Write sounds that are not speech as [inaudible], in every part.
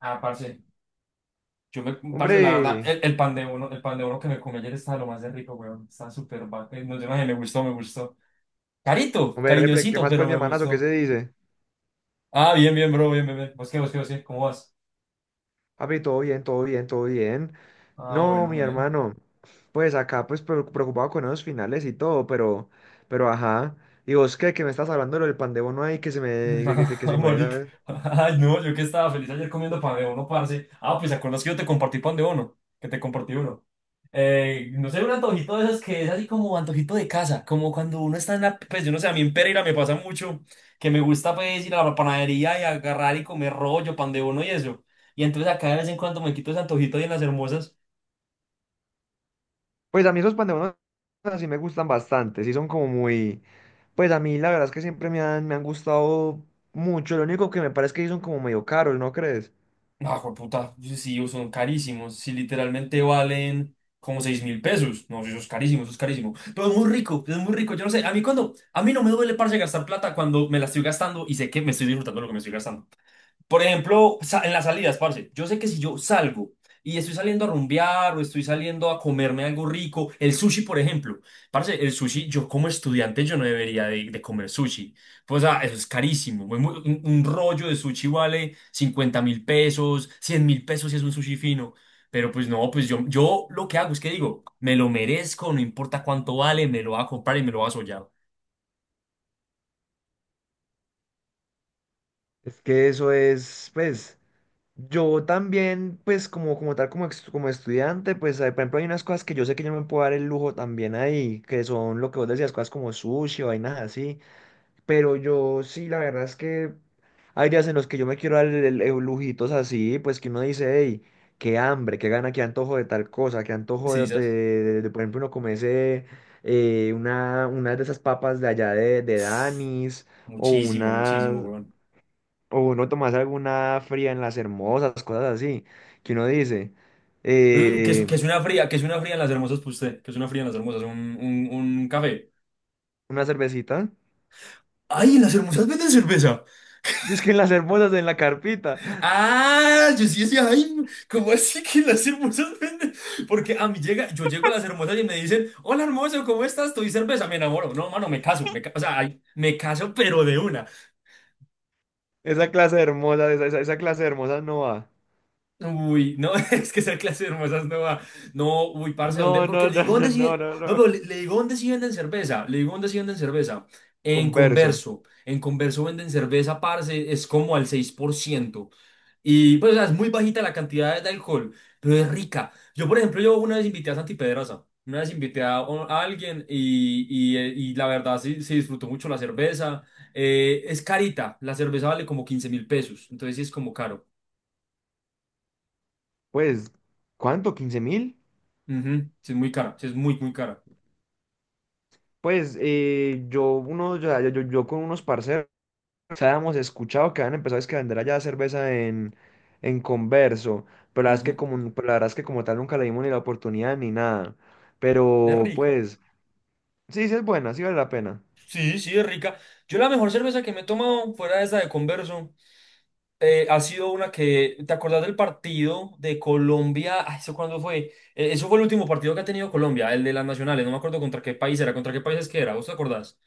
Ah, parce, yo parce, la verdad, Hombre, el pan de uno que me comí ayer estaba lo más de rico, weón. No sé, maje, me gustó, me gustó. Carito, hombre, repre, ¿qué cariñosito, más pues pero mi me hermanazo? ¿Qué se gustó. dice? Ah, bien, bien, bro, bien, bien, bien. ¿Vos qué, vos qué, vos qué? ¿Cómo vas? Papi, todo bien, todo bien, todo bien. Ah, No, bueno, mi man. hermano, pues acá pues preocupado con esos finales y todo, pero ajá. ¿Y vos qué? Que me estás hablando de lo del pan de bono ahí que se me, [laughs] que Ah, se me... marica. había- Ay, no, yo que estaba feliz ayer comiendo pan de uno, parce. Ah, pues, ¿te acuerdas que yo te compartí pan de uno? Que te compartí uno. No sé, un antojito de esos que es así como antojito de casa, como cuando uno está en la, pues yo no sé, a mí en Pereira me pasa mucho que me gusta pues ir a la panadería y agarrar y comer rollo, pan de bono y eso. Y entonces acá de vez en cuando me quito ese antojito ahí en las hermosas. Pues a mí esos pan de bono así me gustan bastante, sí son como muy. Pues a mí la verdad es que siempre me han gustado mucho, lo único que me parece es que sí son como medio caros, ¿no crees? Ah, puta, pues, sí, son carísimos, sí, literalmente valen como 6.000 pesos. No, eso es carísimo, eso es carísimo. Pero es muy rico, yo no sé, a mí cuando, a mí no me duele, parce, gastar plata cuando me la estoy gastando y sé que me estoy disfrutando de lo que me estoy gastando. Por ejemplo, en las salidas, parce, yo sé que si yo salgo y estoy saliendo a rumbear o estoy saliendo a comerme algo rico, el sushi, por ejemplo, parce, el sushi, yo como estudiante yo no debería de comer sushi. Pues, o sea, eso es carísimo. Un rollo de sushi vale 50.000 pesos, 100.000 pesos si es un sushi fino. Pero pues no, pues yo lo que hago es que digo, me lo merezco, no importa cuánto vale, me lo voy a comprar y me lo voy a sollar. Es que eso es, pues. Yo también, pues como tal, como estudiante, pues por ejemplo hay unas cosas que yo sé que yo no me puedo dar el lujo también ahí, que son lo que vos decías, cosas como sushi o vainas así, pero yo sí, la verdad es que hay días en los que yo me quiero dar el lujitos así, pues que uno dice, hey, qué hambre, qué gana, qué antojo de tal cosa, qué antojo Sí, de, ¿sabes? de- de- de, por ejemplo, uno comerse una de esas papas de allá de Danis o Muchísimo, unas muchísimo, weón. o uno tomarse alguna fría en las hermosas, cosas así, que uno dice, Eh, Que es, que eh, es una fría, que es una fría en las hermosas, pues usted, que es una fría en las hermosas, un café. una cervecita, ¡Ay, en las hermosas venden cerveza! [laughs] es que en las hermosas, en la carpita, Ah, yo sí decía, ay, ¿cómo así que en las hermosas venden? Porque yo llego a las hermosas y me dicen, hola hermoso, ¿cómo estás? Estoy cerveza, me enamoro. No, mano, me caso, o sea, ay, me caso, pero de una. Esa clase de hermosas no va. Uy, no, [laughs] es que esa clase de hermosas no va. No, uy, parce, ¿dónde? No, Porque no, le no, digo no, dónde sí. no, no, No, no. pero le digo dónde sí venden cerveza. Le digo dónde sí venden cerveza. En Converso. Converso. En Converso venden cerveza, parce, es como al 6%. Y pues, o sea, es muy bajita la cantidad de alcohol, pero es rica. Yo, por ejemplo, yo una vez invité a Santi Pedraza. Una vez invité a alguien y la verdad sí, sí disfrutó mucho la cerveza. Es carita, la cerveza vale como 15.000 pesos, entonces sí es como caro. Pues, ¿cuánto? ¿15.000? Ujú. Sí, es muy cara, sí, es muy, muy cara. Pues yo, uno, yo, yo, yo yo con unos parceros. Habíamos escuchado que habían empezado es que a vender allá cerveza en Converso, Ujú. Pero la verdad es que como tal nunca le dimos ni la oportunidad ni nada. Es Pero rica. pues, sí, sí es buena, sí vale la pena. Sí, sí, es rica. Yo la mejor cerveza que me he tomado fuera de esa de Converso ha sido una que, ¿te acordás del partido de Colombia? Ay, ¿eso cuándo fue? Eso fue el último partido que ha tenido Colombia, el de las nacionales. No me acuerdo contra qué país era, contra qué países que era. ¿Vos te acordás?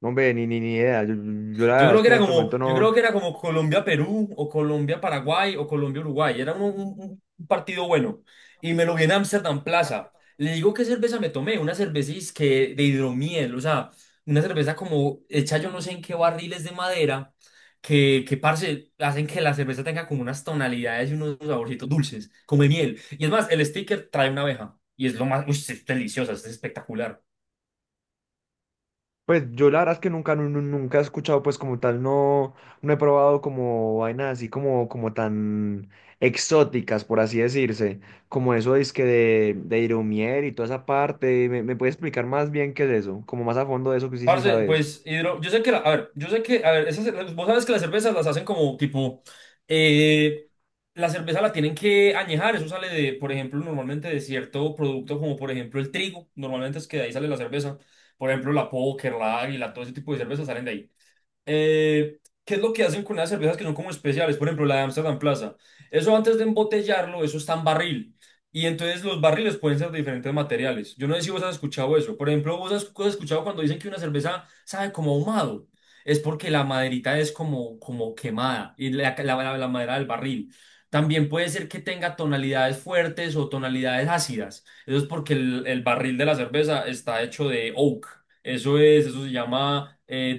No, hombre, ni idea. Yo la Yo verdad creo es que que era en este como, momento yo creo no. que era como Colombia-Perú o Colombia-Paraguay o Colombia-Uruguay. Era un partido bueno. Y me lo vi en Amsterdam Plaza. Le digo qué cerveza me tomé, una cerveza que de hidromiel, o sea, una cerveza como hecha yo no sé en qué barriles de madera, que parce, hacen que la cerveza tenga como unas tonalidades y unos saborcitos dulces, como de miel. Y es más, el sticker trae una abeja. Y es lo más, uy, es deliciosa, es espectacular. Pues yo la verdad es que nunca, nu- nu- nunca he escuchado, pues como tal, no, no he probado como vainas así como tan exóticas, por así decirse, como eso es que de Irumier y toda esa parte. ¿Me puedes explicar más bien qué es eso? Como más a fondo de eso que sí, sí Parce, sabes. pues hidro, yo sé que la, a ver, yo sé que, a ver, vos sabes que las cervezas las hacen como tipo, eh, la cerveza la tienen que añejar, eso sale de, por ejemplo, normalmente de cierto producto como por ejemplo el trigo, normalmente es que de ahí sale la cerveza, por ejemplo la Póker, la Águila, todo ese tipo de cervezas salen de ahí. ¿Qué es lo que hacen con las cervezas que son como especiales? Por ejemplo, la de Amsterdam Plaza. Eso antes de embotellarlo, eso está en barril. Y entonces los barriles pueden ser de diferentes materiales. Yo no sé si vos has escuchado eso. Por ejemplo, vos has escuchado cuando dicen que una cerveza sabe como ahumado. Es porque la maderita es como quemada y la madera del barril. También puede ser que tenga tonalidades fuertes o tonalidades ácidas. Eso es porque el barril de la cerveza está hecho de oak. Eso es, eso se llama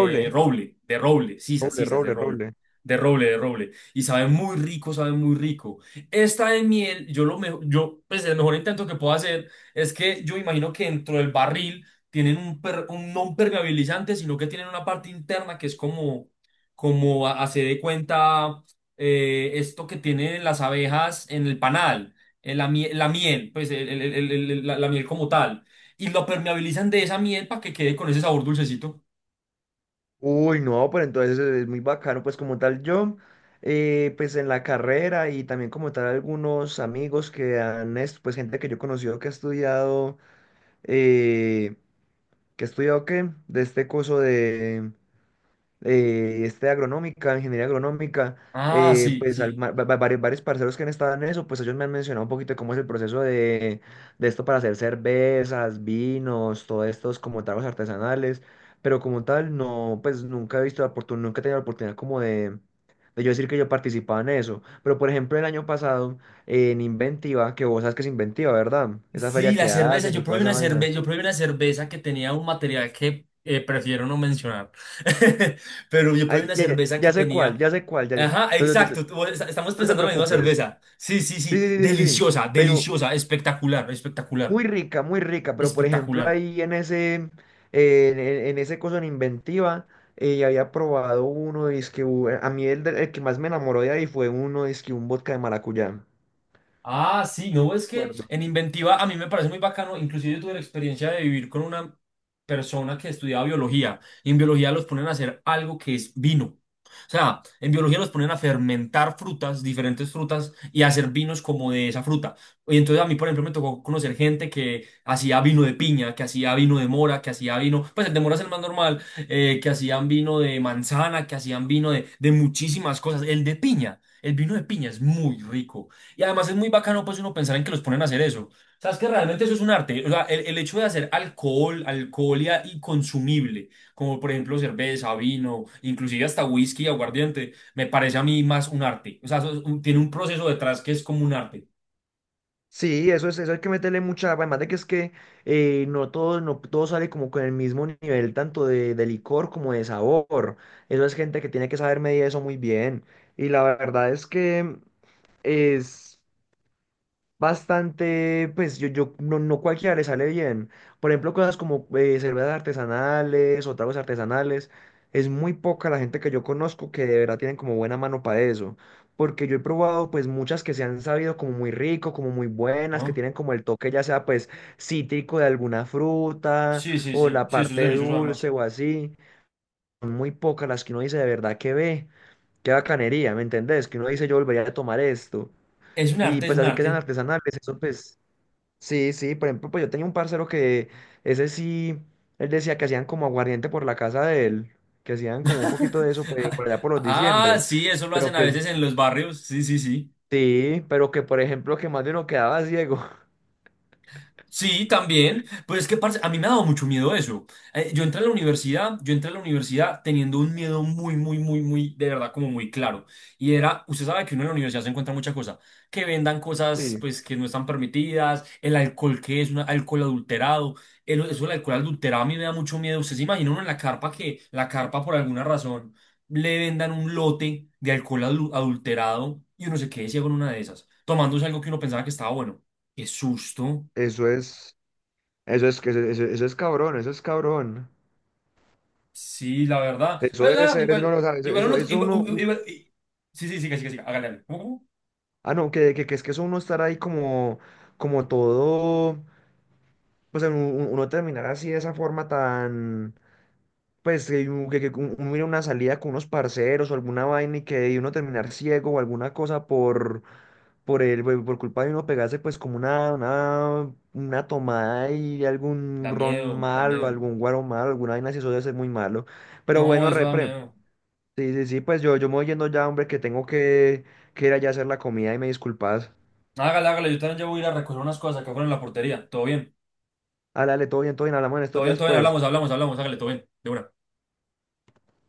Roble, roble, de roble, sisas, roble, sisas, de roble, roble, roble. de roble, de roble. Y sabe muy rico, sabe muy rico. Esta de miel, yo lo mejor, yo, pues el mejor intento que puedo hacer es que yo imagino que dentro del barril tienen un no un permeabilizante, sino que tienen una parte interna que es como hace de cuenta esto que tienen las abejas en el panal, en la miel, pues la miel como tal y lo permeabilizan de esa miel para que quede con ese sabor dulcecito. Uy, no, pero entonces es muy bacano, pues como tal yo, pues en la carrera y también como tal algunos amigos que pues gente que yo he conocido que ha estudiado. eh, ¿Qué he estudiado qué? De este curso de ingeniería agronómica, Ah, sí, pues sí. Varios parceros que han estado en eso, pues ellos me han mencionado un poquito de cómo es el proceso de esto para hacer cervezas, vinos, todos estos como tragos artesanales, pero como tal, no, pues nunca he visto la oportunidad, nunca he tenido la oportunidad como de yo decir que yo participaba en eso. Pero por ejemplo, el año pasado, en Inventiva, que vos sabes que es Inventiva, ¿verdad? Esa Sí, feria la que cerveza. hacen Yo y toda probé esa una vaina. cerveza, yo probé una cerveza que tenía un material que prefiero no mencionar. [laughs] Pero yo probé Ay, una ya, ya, cerveza que ya sé cuál, tenía. ya sé cuál, ya, ya. Ajá, No, no, no, no, exacto. Estamos no te pensando en la misma preocupes. cerveza. Sí, sí, Sí, sí. sí, sí, sí, sí. Deliciosa, Pero deliciosa, espectacular, espectacular, muy rica, muy rica. Pero por ejemplo, espectacular. ahí en ese coso en Inventiva, había probado uno, que a mí el que más me enamoró de ahí fue uno, que un vodka de maracuyá. Ah, sí, no, es que Acuerdo. en Inventiva a mí me parece muy bacano, inclusive yo tuve la experiencia de vivir con una persona que estudiaba biología y en biología los ponen a hacer algo que es vino. O sea, en biología los ponen a fermentar frutas, diferentes frutas y a hacer vinos como de esa fruta. Y entonces a mí, por ejemplo, me tocó conocer gente que hacía vino de piña, que hacía vino de mora, que hacía vino, pues el de mora es el más normal, que hacían vino de manzana, que hacían vino de muchísimas cosas. El de piña, el vino de piña es muy rico. Y además es muy bacano pues uno pensar en que los ponen a hacer eso. Sabes que realmente eso es un arte. O sea, el hecho de hacer alcohol, alcohol y consumible, como por ejemplo cerveza, vino, inclusive hasta whisky, aguardiente, me parece a mí más un arte. O sea, eso es tiene un proceso detrás que es como un arte. Sí, eso hay que meterle mucha, además de que es que no todo sale como con el mismo nivel, tanto de licor como de sabor. Eso es gente que tiene que saber medir eso muy bien. Y la verdad es que es bastante, pues yo no, no cualquiera le sale bien. Por ejemplo, cosas como cervezas artesanales o tragos artesanales. Es muy poca la gente que yo conozco que de verdad tienen como buena mano para eso. Porque yo he probado pues muchas que se han sabido como muy rico, como muy buenas, que ¿No? tienen como el toque ya sea pues cítrico de alguna fruta Sí, sí, o sí. la Sí, eso es parte delicioso además. dulce o así. Son muy pocas las que uno dice de verdad que ve, qué bacanería, ¿me entendés? Que uno dice yo volvería a tomar esto. Es un Y arte, es pues un así que sean arte. artesanales, eso pues sí, sí, por ejemplo, pues yo tenía un parcero que ese sí, él decía que hacían como aguardiente por la casa de él, que hacían como un poquito [laughs] de eso pues, por allá por los Ah, diciembres, sí, eso lo pero hacen a que veces en los barrios. Sí, sí, sí. sí, pero que por ejemplo que más de uno quedaba ciego. [laughs] Sí, también. Pues es que, parce, a mí me ha dado mucho miedo eso. Yo entré a la universidad, yo entré a la universidad teniendo un miedo muy, muy, muy, muy, de verdad, como muy claro. Y era, usted sabe que uno en la universidad se encuentra mucha cosa, que vendan cosas, Sí, pues, que no están permitidas, el alcohol que es un alcohol adulterado, eso del alcohol adulterado a mí me da mucho miedo. Usted se imagina uno en la carpa por alguna razón, le vendan un lote de alcohol adulterado y uno se quede ciego en una de esas, tomándose algo que uno pensaba que estaba bueno. Qué susto. eso es, eso es cabrón, eso es cabrón. Sí, la verdad. Eso Pero debe nada, ser, eso no igual, lo sabe, eso, igual eso uno, eso igual, uno, u- sí sí sí, que sí, siga, siga, hágale, hágale. ¿Cómo, cómo? Ah, no, que es que eso uno estar ahí como, todo, pues uno terminar así de esa forma tan pues que un- uno ir a una salida con unos parceros o alguna vaina y que de uno terminar ciego o alguna cosa por el, por culpa de uno pegarse pues como una tomada y algún Da ron miedo, da malo, miedo. algún guaro malo, alguna vaina, si eso debe ser muy malo. Pero No, bueno, eso da repre, miedo. sí, sí, sí, pues yo me voy yendo ya, hombre, que tengo que ir allá a hacer la comida y me disculpas. Hágale, hágale, yo también ya voy a ir a recoger unas cosas que fueron en la portería. Todo bien, Álale, todo bien, hablamos en estos todo bien, días, todo bien, pues. hablamos, hablamos, hablamos, hágale, todo bien, de una.